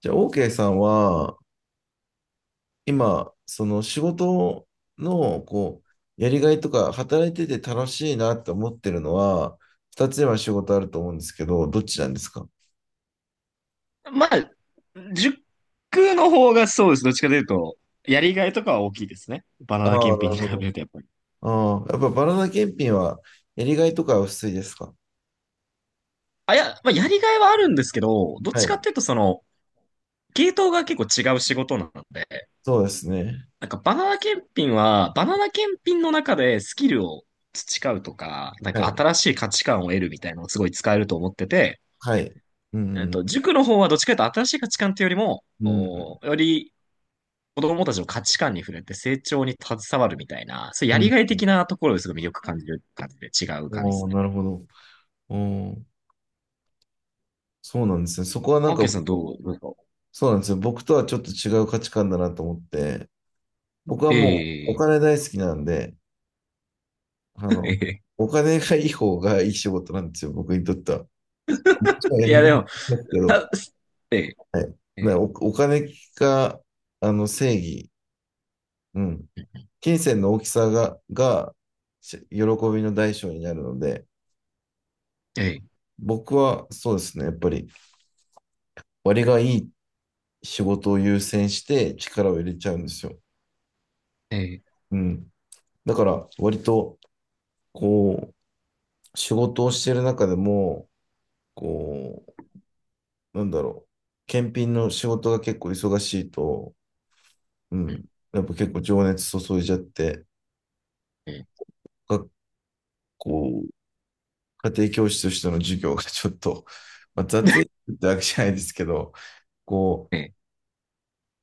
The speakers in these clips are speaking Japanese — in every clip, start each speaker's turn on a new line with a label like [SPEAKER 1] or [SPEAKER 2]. [SPEAKER 1] じゃあ、OK さんは、今、その仕事の、やりがいとか、働いてて楽しいなって思ってるのは、二つ今仕事あると思うんですけど、どっちなんですか？
[SPEAKER 2] まあ、塾の方がそうです。どっちかというと、やりがいとかは大きいですね。バ
[SPEAKER 1] あ
[SPEAKER 2] ナナ
[SPEAKER 1] あー、
[SPEAKER 2] 検
[SPEAKER 1] なる
[SPEAKER 2] 品に
[SPEAKER 1] ほ
[SPEAKER 2] 比
[SPEAKER 1] ど。
[SPEAKER 2] べるとやっぱり。
[SPEAKER 1] ああ、やっぱバナナ検品は、やりがいとかは薄いですか？
[SPEAKER 2] あ、いや、まあ、やりがいはあるんですけど、どっ
[SPEAKER 1] は
[SPEAKER 2] ちかっ
[SPEAKER 1] い。
[SPEAKER 2] ていうとその、系統が結構違う仕事なので、
[SPEAKER 1] そうですね。
[SPEAKER 2] なんかバナナ検品は、バナナ検品の中でスキルを培うとか、なん
[SPEAKER 1] は
[SPEAKER 2] か
[SPEAKER 1] い。
[SPEAKER 2] 新しい価値観を得るみたいなのをすごい使えると思ってて、
[SPEAKER 1] はい。うん。
[SPEAKER 2] 塾の方はどっちかというと新しい価値観っていうよりも、
[SPEAKER 1] うん。
[SPEAKER 2] より子供たちの価値観に触れて成長に携わるみたいな、そういう
[SPEAKER 1] う
[SPEAKER 2] やり
[SPEAKER 1] ん。
[SPEAKER 2] がい的なところですごい魅力感じる感じで違う感じで
[SPEAKER 1] お
[SPEAKER 2] す
[SPEAKER 1] お、
[SPEAKER 2] ね。
[SPEAKER 1] なるほど。おお、そうなんですね。そこはな
[SPEAKER 2] オ
[SPEAKER 1] ん
[SPEAKER 2] ー
[SPEAKER 1] か、
[SPEAKER 2] ケーさんどうですか？
[SPEAKER 1] そうなんですよ。僕とはちょっと違う価値観だなと思って、僕はもうお
[SPEAKER 2] ええ
[SPEAKER 1] 金大好きなんで、あの、
[SPEAKER 2] ー。ええ
[SPEAKER 1] お金がいい方がいい仕事なんですよ、僕にとっては。こっちはや
[SPEAKER 2] ー。い
[SPEAKER 1] り
[SPEAKER 2] や
[SPEAKER 1] が
[SPEAKER 2] で
[SPEAKER 1] い
[SPEAKER 2] も、
[SPEAKER 1] ますけど、
[SPEAKER 2] たえ
[SPEAKER 1] はい。
[SPEAKER 2] ええ
[SPEAKER 1] だお、お金が、正義、うん。金銭の大きさが、が、し喜びの代償になるので、
[SPEAKER 2] えええ
[SPEAKER 1] 僕はそうですね、やっぱり割がいい仕事を優先して力を入れちゃうんですよ。
[SPEAKER 2] ええ。
[SPEAKER 1] うん。だから割と、こ仕事をしている中でも、こなんだろう、検品の仕事が結構忙しいと、う
[SPEAKER 2] う
[SPEAKER 1] ん、
[SPEAKER 2] ん。
[SPEAKER 1] やっぱ結構情熱注いじゃって、
[SPEAKER 2] ええ
[SPEAKER 1] 学校、家庭教師としての授業が ちょっと、まあ、雑いってわけじゃないですけど、こ
[SPEAKER 2] ええ。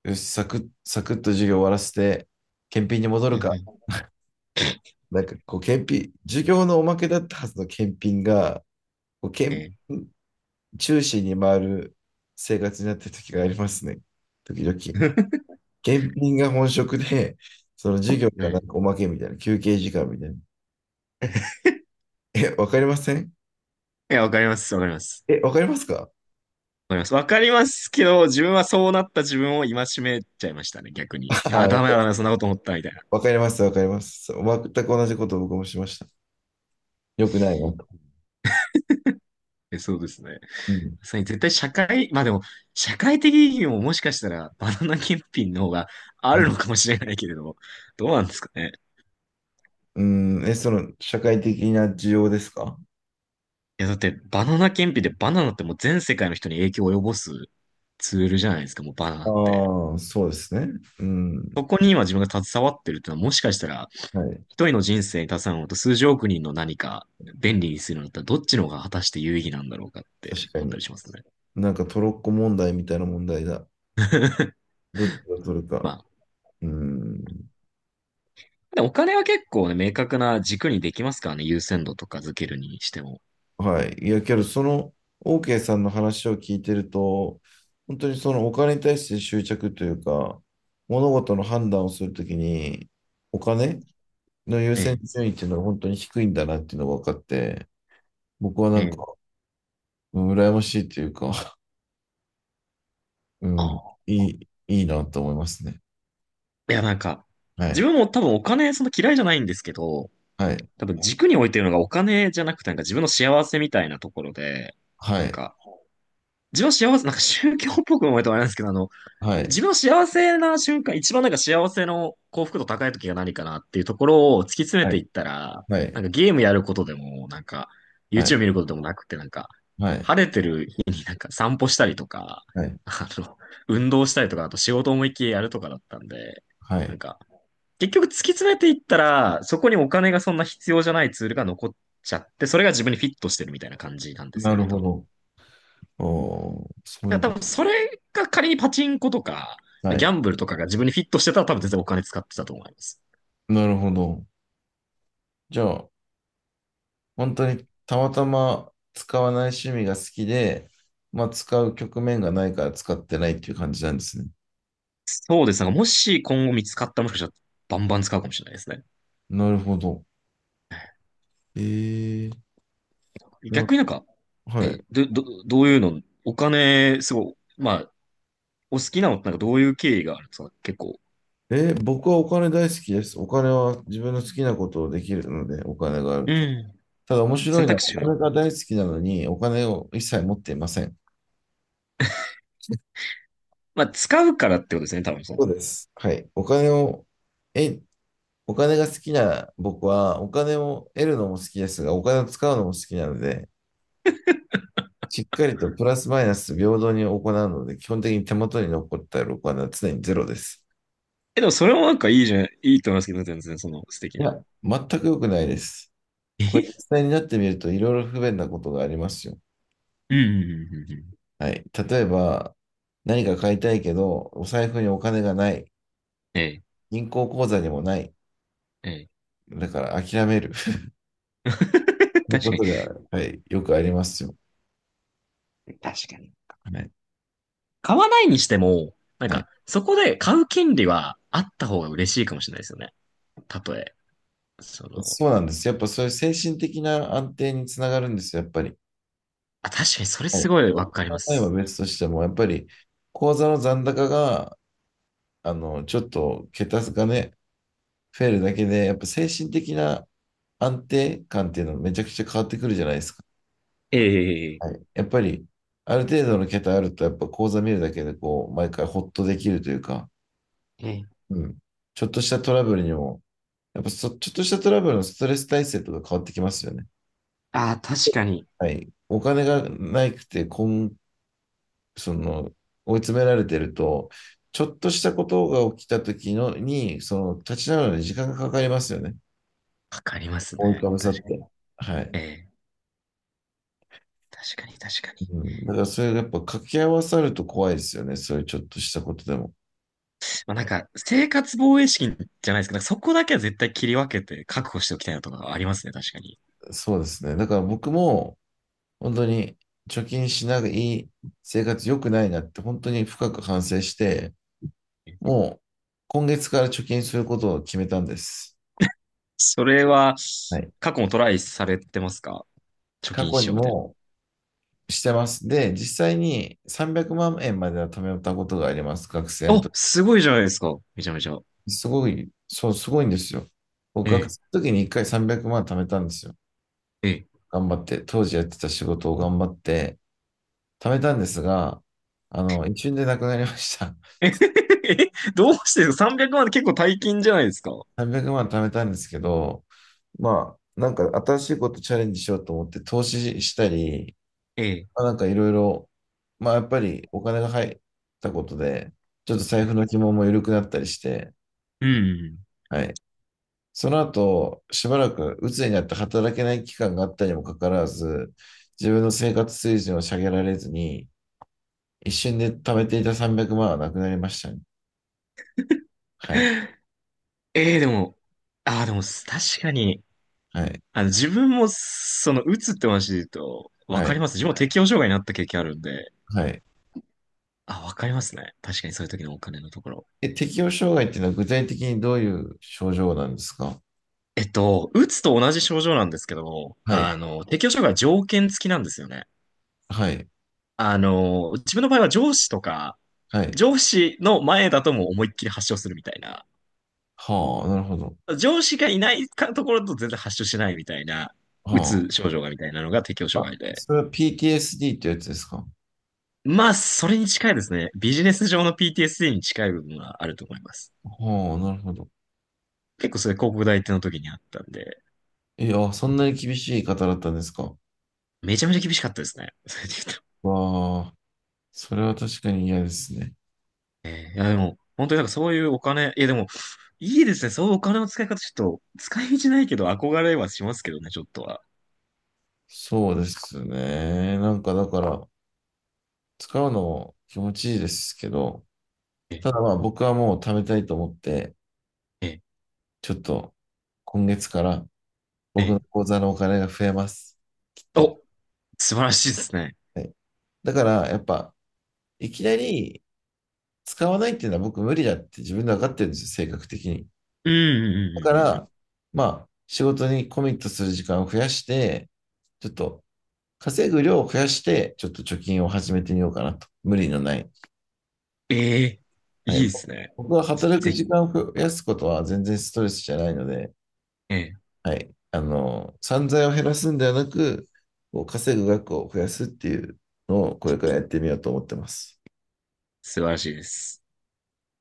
[SPEAKER 1] よし、サクッ、サクッと授業終わらせて、検品に戻
[SPEAKER 2] うん、
[SPEAKER 1] る
[SPEAKER 2] う
[SPEAKER 1] か、
[SPEAKER 2] ん。
[SPEAKER 1] なんかこう、検品、授業のおまけだったはずの検品が、こう
[SPEAKER 2] え
[SPEAKER 1] 検
[SPEAKER 2] ええ。
[SPEAKER 1] 品中心に回る生活になってる時がありますね、時々。検品が本職で、その授業がなんか
[SPEAKER 2] え。
[SPEAKER 1] おまけみたいな、休憩時間みたいな。え、わかりません？
[SPEAKER 2] いや、わかります、わかります。
[SPEAKER 1] え、わかりますか？
[SPEAKER 2] わかります。わかりますけど、自分はそうなった自分を戒めちゃいましたね、逆に。
[SPEAKER 1] あ
[SPEAKER 2] あ、
[SPEAKER 1] わ
[SPEAKER 2] ダメだ、ダメだ、そんなこと思った、みたいな。
[SPEAKER 1] わかります、わかります。全く同じことを僕もしました。よくないなと。
[SPEAKER 2] え、そうですね。
[SPEAKER 1] うん。
[SPEAKER 2] そう絶対社会、まあでも、社会的意義ももしかしたらバナナ検品の方があ
[SPEAKER 1] う
[SPEAKER 2] るの
[SPEAKER 1] ん、
[SPEAKER 2] かもしれないけれども、どうなんですかね。
[SPEAKER 1] うんえ、その、社会的な需要ですか？
[SPEAKER 2] いや、だってバナナ検品でバナナってもう全世界の人に影響を及ぼすツールじゃないですか、もうバナ
[SPEAKER 1] あ
[SPEAKER 2] ナ
[SPEAKER 1] あ
[SPEAKER 2] って。
[SPEAKER 1] ー、そうですね。うん。
[SPEAKER 2] そこに今自分が携わってるってのはもしかしたら
[SPEAKER 1] はい。
[SPEAKER 2] 一人の人生に携わるのと数十億人の何か便利にするのだったらどっちの方が果たして有意義なんだろうかって
[SPEAKER 1] 確か
[SPEAKER 2] 思ったり
[SPEAKER 1] に。
[SPEAKER 2] しますね。
[SPEAKER 1] なんかトロッコ問題みたいな問題だ。どっちが取るか。
[SPEAKER 2] まあ、
[SPEAKER 1] うん。
[SPEAKER 2] でお金は結構ね、明確な軸にできますからね、優先度とか付けるにしても。
[SPEAKER 1] はい。いや、けど、その、OK さんの話を聞いてると、本当にそのお金に対して執着というか、物事の判断をするときに、お金の優先
[SPEAKER 2] ええ。
[SPEAKER 1] 順位っていうのは本当に低いんだなっていうのが分かって、僕はなんか、
[SPEAKER 2] ええ。
[SPEAKER 1] うん羨ましいというか、うん、
[SPEAKER 2] あ
[SPEAKER 1] い
[SPEAKER 2] あ。
[SPEAKER 1] い、いいなと思いますね。
[SPEAKER 2] いや、なんか、
[SPEAKER 1] は
[SPEAKER 2] 自
[SPEAKER 1] い。
[SPEAKER 2] 分も多分お金、その嫌いじゃないんですけど、
[SPEAKER 1] はい。
[SPEAKER 2] 多分軸に置いてるのがお金じゃなくて、なんか自分の幸せみたいなところで、
[SPEAKER 1] は
[SPEAKER 2] なん
[SPEAKER 1] い。
[SPEAKER 2] か、自分は幸せ、なんか宗教っぽく思えたらあれなんですけど、あの、
[SPEAKER 1] はい。
[SPEAKER 2] 自分は幸せな瞬間、一番なんか幸せの幸福度高い時が何かなっていうところを突き詰め
[SPEAKER 1] はい。
[SPEAKER 2] ていったら、
[SPEAKER 1] はい。
[SPEAKER 2] なんかゲームやることでも、なんか
[SPEAKER 1] はい。
[SPEAKER 2] YouTube 見ることでもなくて、なんか
[SPEAKER 1] はい。
[SPEAKER 2] 晴れてる日になんか散歩したりとか、
[SPEAKER 1] はい。
[SPEAKER 2] あの、運動したりとか、あと仕事思いっきりやるとかだったんで、
[SPEAKER 1] は
[SPEAKER 2] なん
[SPEAKER 1] い
[SPEAKER 2] か結局突き詰めていったら、そこにお金がそんな必要じゃないツールが残っちゃって、それが自分にフィットしてるみたいな感じなんです
[SPEAKER 1] な
[SPEAKER 2] よ
[SPEAKER 1] る
[SPEAKER 2] ね、多
[SPEAKER 1] ほ
[SPEAKER 2] 分。
[SPEAKER 1] ど。おー、そうい
[SPEAKER 2] や、
[SPEAKER 1] う
[SPEAKER 2] 多
[SPEAKER 1] こ
[SPEAKER 2] 分それが仮にパチンコとか、
[SPEAKER 1] と。は
[SPEAKER 2] ギ
[SPEAKER 1] い。
[SPEAKER 2] ャンブルとかが自分にフィットしてたら多分全然お金使ってたと思います。
[SPEAKER 1] なるほど。じゃあ、本当にたまたま使わない趣味が好きで、まあ使う局面がないから使ってないっていう感じなんですね。
[SPEAKER 2] そうですね。もし今後見つかったらもしかしたらバンバン使うかもしれないですね。
[SPEAKER 1] なるほど。えー、な
[SPEAKER 2] 逆になんか、
[SPEAKER 1] は
[SPEAKER 2] え、
[SPEAKER 1] い。
[SPEAKER 2] ど、ど、どういうの、お金、すごい、まあ、お好きなのってなんかどういう経緯があるんですか結構？
[SPEAKER 1] え、僕はお金大好きです。お金は自分の好きなことをできるので、お金がある
[SPEAKER 2] う
[SPEAKER 1] と。
[SPEAKER 2] ん。
[SPEAKER 1] ただ面白
[SPEAKER 2] 選
[SPEAKER 1] いのは、
[SPEAKER 2] 択
[SPEAKER 1] お
[SPEAKER 2] 肢がね。
[SPEAKER 1] 金が大好きなのに、お金を一切持っていません。
[SPEAKER 2] まあ、使うからってことですね、多分その。
[SPEAKER 1] そうです。はい。お金を、え、お金が好きな僕は、お金を得るのも好きですが、お金を使うのも好きなので、しっかりとプラスマイナス平等に行うので、基本的に手元に残った録金は常にゼロです。
[SPEAKER 2] え、でもそれもなんかいいじゃん、いいと思いますけどね、全然その素敵
[SPEAKER 1] い
[SPEAKER 2] な。
[SPEAKER 1] や、全く良くないです。これ、実
[SPEAKER 2] え。
[SPEAKER 1] 際になってみると、いろいろ不便なことがありますよ。
[SPEAKER 2] うん、うん、うん、うん、うん。
[SPEAKER 1] はい。例えば、何か買いたいけど、お財布にお金がない。
[SPEAKER 2] ええ、
[SPEAKER 1] 銀行口座にもない。
[SPEAKER 2] え
[SPEAKER 1] だから諦める。
[SPEAKER 2] え。
[SPEAKER 1] という
[SPEAKER 2] 確
[SPEAKER 1] こ
[SPEAKER 2] かに。
[SPEAKER 1] とで、はい、よくありますよ。
[SPEAKER 2] 確かに。
[SPEAKER 1] はい。
[SPEAKER 2] 買わないにしても、なん
[SPEAKER 1] はい。
[SPEAKER 2] か、そこで買う権利はあった方が嬉しいかもしれないですよね。たとえ。その、
[SPEAKER 1] そうなんです。やっぱそういう精神的な安定につながるんですよ、やっぱり。
[SPEAKER 2] あ、確かにそれ
[SPEAKER 1] は
[SPEAKER 2] す
[SPEAKER 1] い。
[SPEAKER 2] ごいわかりま
[SPEAKER 1] 例えば
[SPEAKER 2] す。
[SPEAKER 1] 別としても、やっぱり口座の残高が、ちょっと桁がね、増えるだけで、やっぱ精神的な安定感っていうのめちゃくちゃ変わってくるじゃないですか。
[SPEAKER 2] え
[SPEAKER 1] は
[SPEAKER 2] え。
[SPEAKER 1] い。やっぱり、ある程度の桁あると、やっぱ口座見るだけで、こう、毎回ほっとできるというか、
[SPEAKER 2] ええ。
[SPEAKER 1] うん。ちょっとしたトラブルにも、やっぱそ、ちょっとしたトラブルのストレス耐性とか変わってきますよね。
[SPEAKER 2] ああ、確かに。
[SPEAKER 1] はい。お金がないくて、こん、その、追い詰められてると、ちょっとしたことが起きた時のに、その、立ち直るのに時間がかかりますよね。
[SPEAKER 2] わかります
[SPEAKER 1] 覆い
[SPEAKER 2] ね。
[SPEAKER 1] かぶさっ
[SPEAKER 2] 確かに。
[SPEAKER 1] て。はい。
[SPEAKER 2] ええ。確かに、確かに。
[SPEAKER 1] うん。だからそれがやっぱ掛け合わさると怖いですよね。そういうちょっとしたことでも。
[SPEAKER 2] まあ、なんか、生活防衛資金じゃないですけど、そこだけは絶対切り分けて確保しておきたいなとかありますね、確かに。
[SPEAKER 1] そうですね。だから僕も、本当に貯金しない生活良くないなって本当に深く反省して、もう今月から貯金することを決めたんです。
[SPEAKER 2] それは、
[SPEAKER 1] はい。
[SPEAKER 2] 過去もトライされてますか？貯
[SPEAKER 1] 過
[SPEAKER 2] 金
[SPEAKER 1] 去
[SPEAKER 2] し
[SPEAKER 1] に
[SPEAKER 2] ようみたい
[SPEAKER 1] もしてます。で、実際に300万円まんえんまでは貯めたことがあります、学生
[SPEAKER 2] な。
[SPEAKER 1] の
[SPEAKER 2] お、
[SPEAKER 1] 時。
[SPEAKER 2] すごいじゃないですか。めちゃめちゃ。
[SPEAKER 1] すごい、そう、すごいんですよ。僕、学
[SPEAKER 2] え
[SPEAKER 1] 生
[SPEAKER 2] え。
[SPEAKER 1] の時に1回300万貯めたんですよ。
[SPEAKER 2] ええ。
[SPEAKER 1] 頑張って、当時やってた仕事を頑張って貯めたんですが、一瞬でなくなりました。
[SPEAKER 2] え、どうしてですか ?300 万って結構大金じゃないですか？
[SPEAKER 1] 300万貯めたんですけど、まあ、なんか新しいことチャレンジしようと思って投資したり、
[SPEAKER 2] ええ。
[SPEAKER 1] まあ、なんかいろいろ、まあやっぱりお金が入ったことで、ちょっと財布の紐も緩くなったりして、
[SPEAKER 2] うん。
[SPEAKER 1] はい。その後、しばらく鬱になって働けない期間があったにもかかわらず、自分の生活水準を下げられずに、一瞬で貯めていた300万はなくなりましたね。はい、
[SPEAKER 2] ええ、でも、ああ、でも、確かに、
[SPEAKER 1] はい、
[SPEAKER 2] あの、自分も、その、打つって話で言うと、わ
[SPEAKER 1] は
[SPEAKER 2] か
[SPEAKER 1] い、
[SPEAKER 2] ります。自分も適応障害になった経験あるんで、
[SPEAKER 1] はい。
[SPEAKER 2] あ、わかりますね。確かにそういう時のお金のところ。
[SPEAKER 1] え、適応障害っていうのは具体的にどういう症状なんですか？
[SPEAKER 2] 打つと同じ症状なんですけど、
[SPEAKER 1] はい、
[SPEAKER 2] あの、適応障害は条件付きなんですよね。
[SPEAKER 1] はい、
[SPEAKER 2] あの、自分の場合は上司とか、
[SPEAKER 1] はい。
[SPEAKER 2] 上司の前だともう思いっきり発症するみたいな。
[SPEAKER 1] はあ、なるほど。
[SPEAKER 2] 上司がいないかところと全然発症しないみたいな、うつ
[SPEAKER 1] は
[SPEAKER 2] 症状がみたいなのが適応障
[SPEAKER 1] あ。
[SPEAKER 2] 害で。
[SPEAKER 1] それは PTSD ってやつですか？
[SPEAKER 2] まあ、それに近いですね。ビジネス上の PTSD に近い部分はあると思います。
[SPEAKER 1] はあ、なるほど。
[SPEAKER 2] 結構それ広告代理店の時にあったんで、
[SPEAKER 1] いや、そんなに厳しい方だったんですか？
[SPEAKER 2] めちゃめちゃ厳しかったですね。それで言うと。
[SPEAKER 1] わあ、それは確かに嫌ですね。
[SPEAKER 2] いや、でも、本当になんかそういうお金、いやでも、いいですね。そういうお金の使い方、ちょっと、使い道ないけど憧れはしますけどね、ちょっとは。
[SPEAKER 1] そうですね。なんかだから、使うの気持ちいいですけど、
[SPEAKER 2] え、
[SPEAKER 1] ただまあ僕はもう貯めたいと思って、
[SPEAKER 2] え、
[SPEAKER 1] ちょっと今月から僕の
[SPEAKER 2] え、
[SPEAKER 1] 口座のお金が増えます。きっと。
[SPEAKER 2] お、素晴らしいですね。
[SPEAKER 1] はい。だからやっぱ、いきなり使わないっていうのは僕無理だって自分で分かってるんですよ、性格的に。
[SPEAKER 2] うん、うん、
[SPEAKER 1] だか
[SPEAKER 2] うん、うん。うん。
[SPEAKER 1] ら、まあ仕事にコミットする時間を増やして、ちょっと稼ぐ量を増やして、ちょっと貯金を始めてみようかなと。無理のない。
[SPEAKER 2] ええ。
[SPEAKER 1] は
[SPEAKER 2] いい
[SPEAKER 1] い。
[SPEAKER 2] ですね。
[SPEAKER 1] 僕は
[SPEAKER 2] ちょっと
[SPEAKER 1] 働く
[SPEAKER 2] ぜ
[SPEAKER 1] 時
[SPEAKER 2] ひ。
[SPEAKER 1] 間を増やすことは全然ストレスじゃないので、
[SPEAKER 2] ええ、
[SPEAKER 1] はい。散財を減らすんではなく、こう稼ぐ額を増やすっていうのをこれからやってみようと思ってます。
[SPEAKER 2] 素晴らしいです。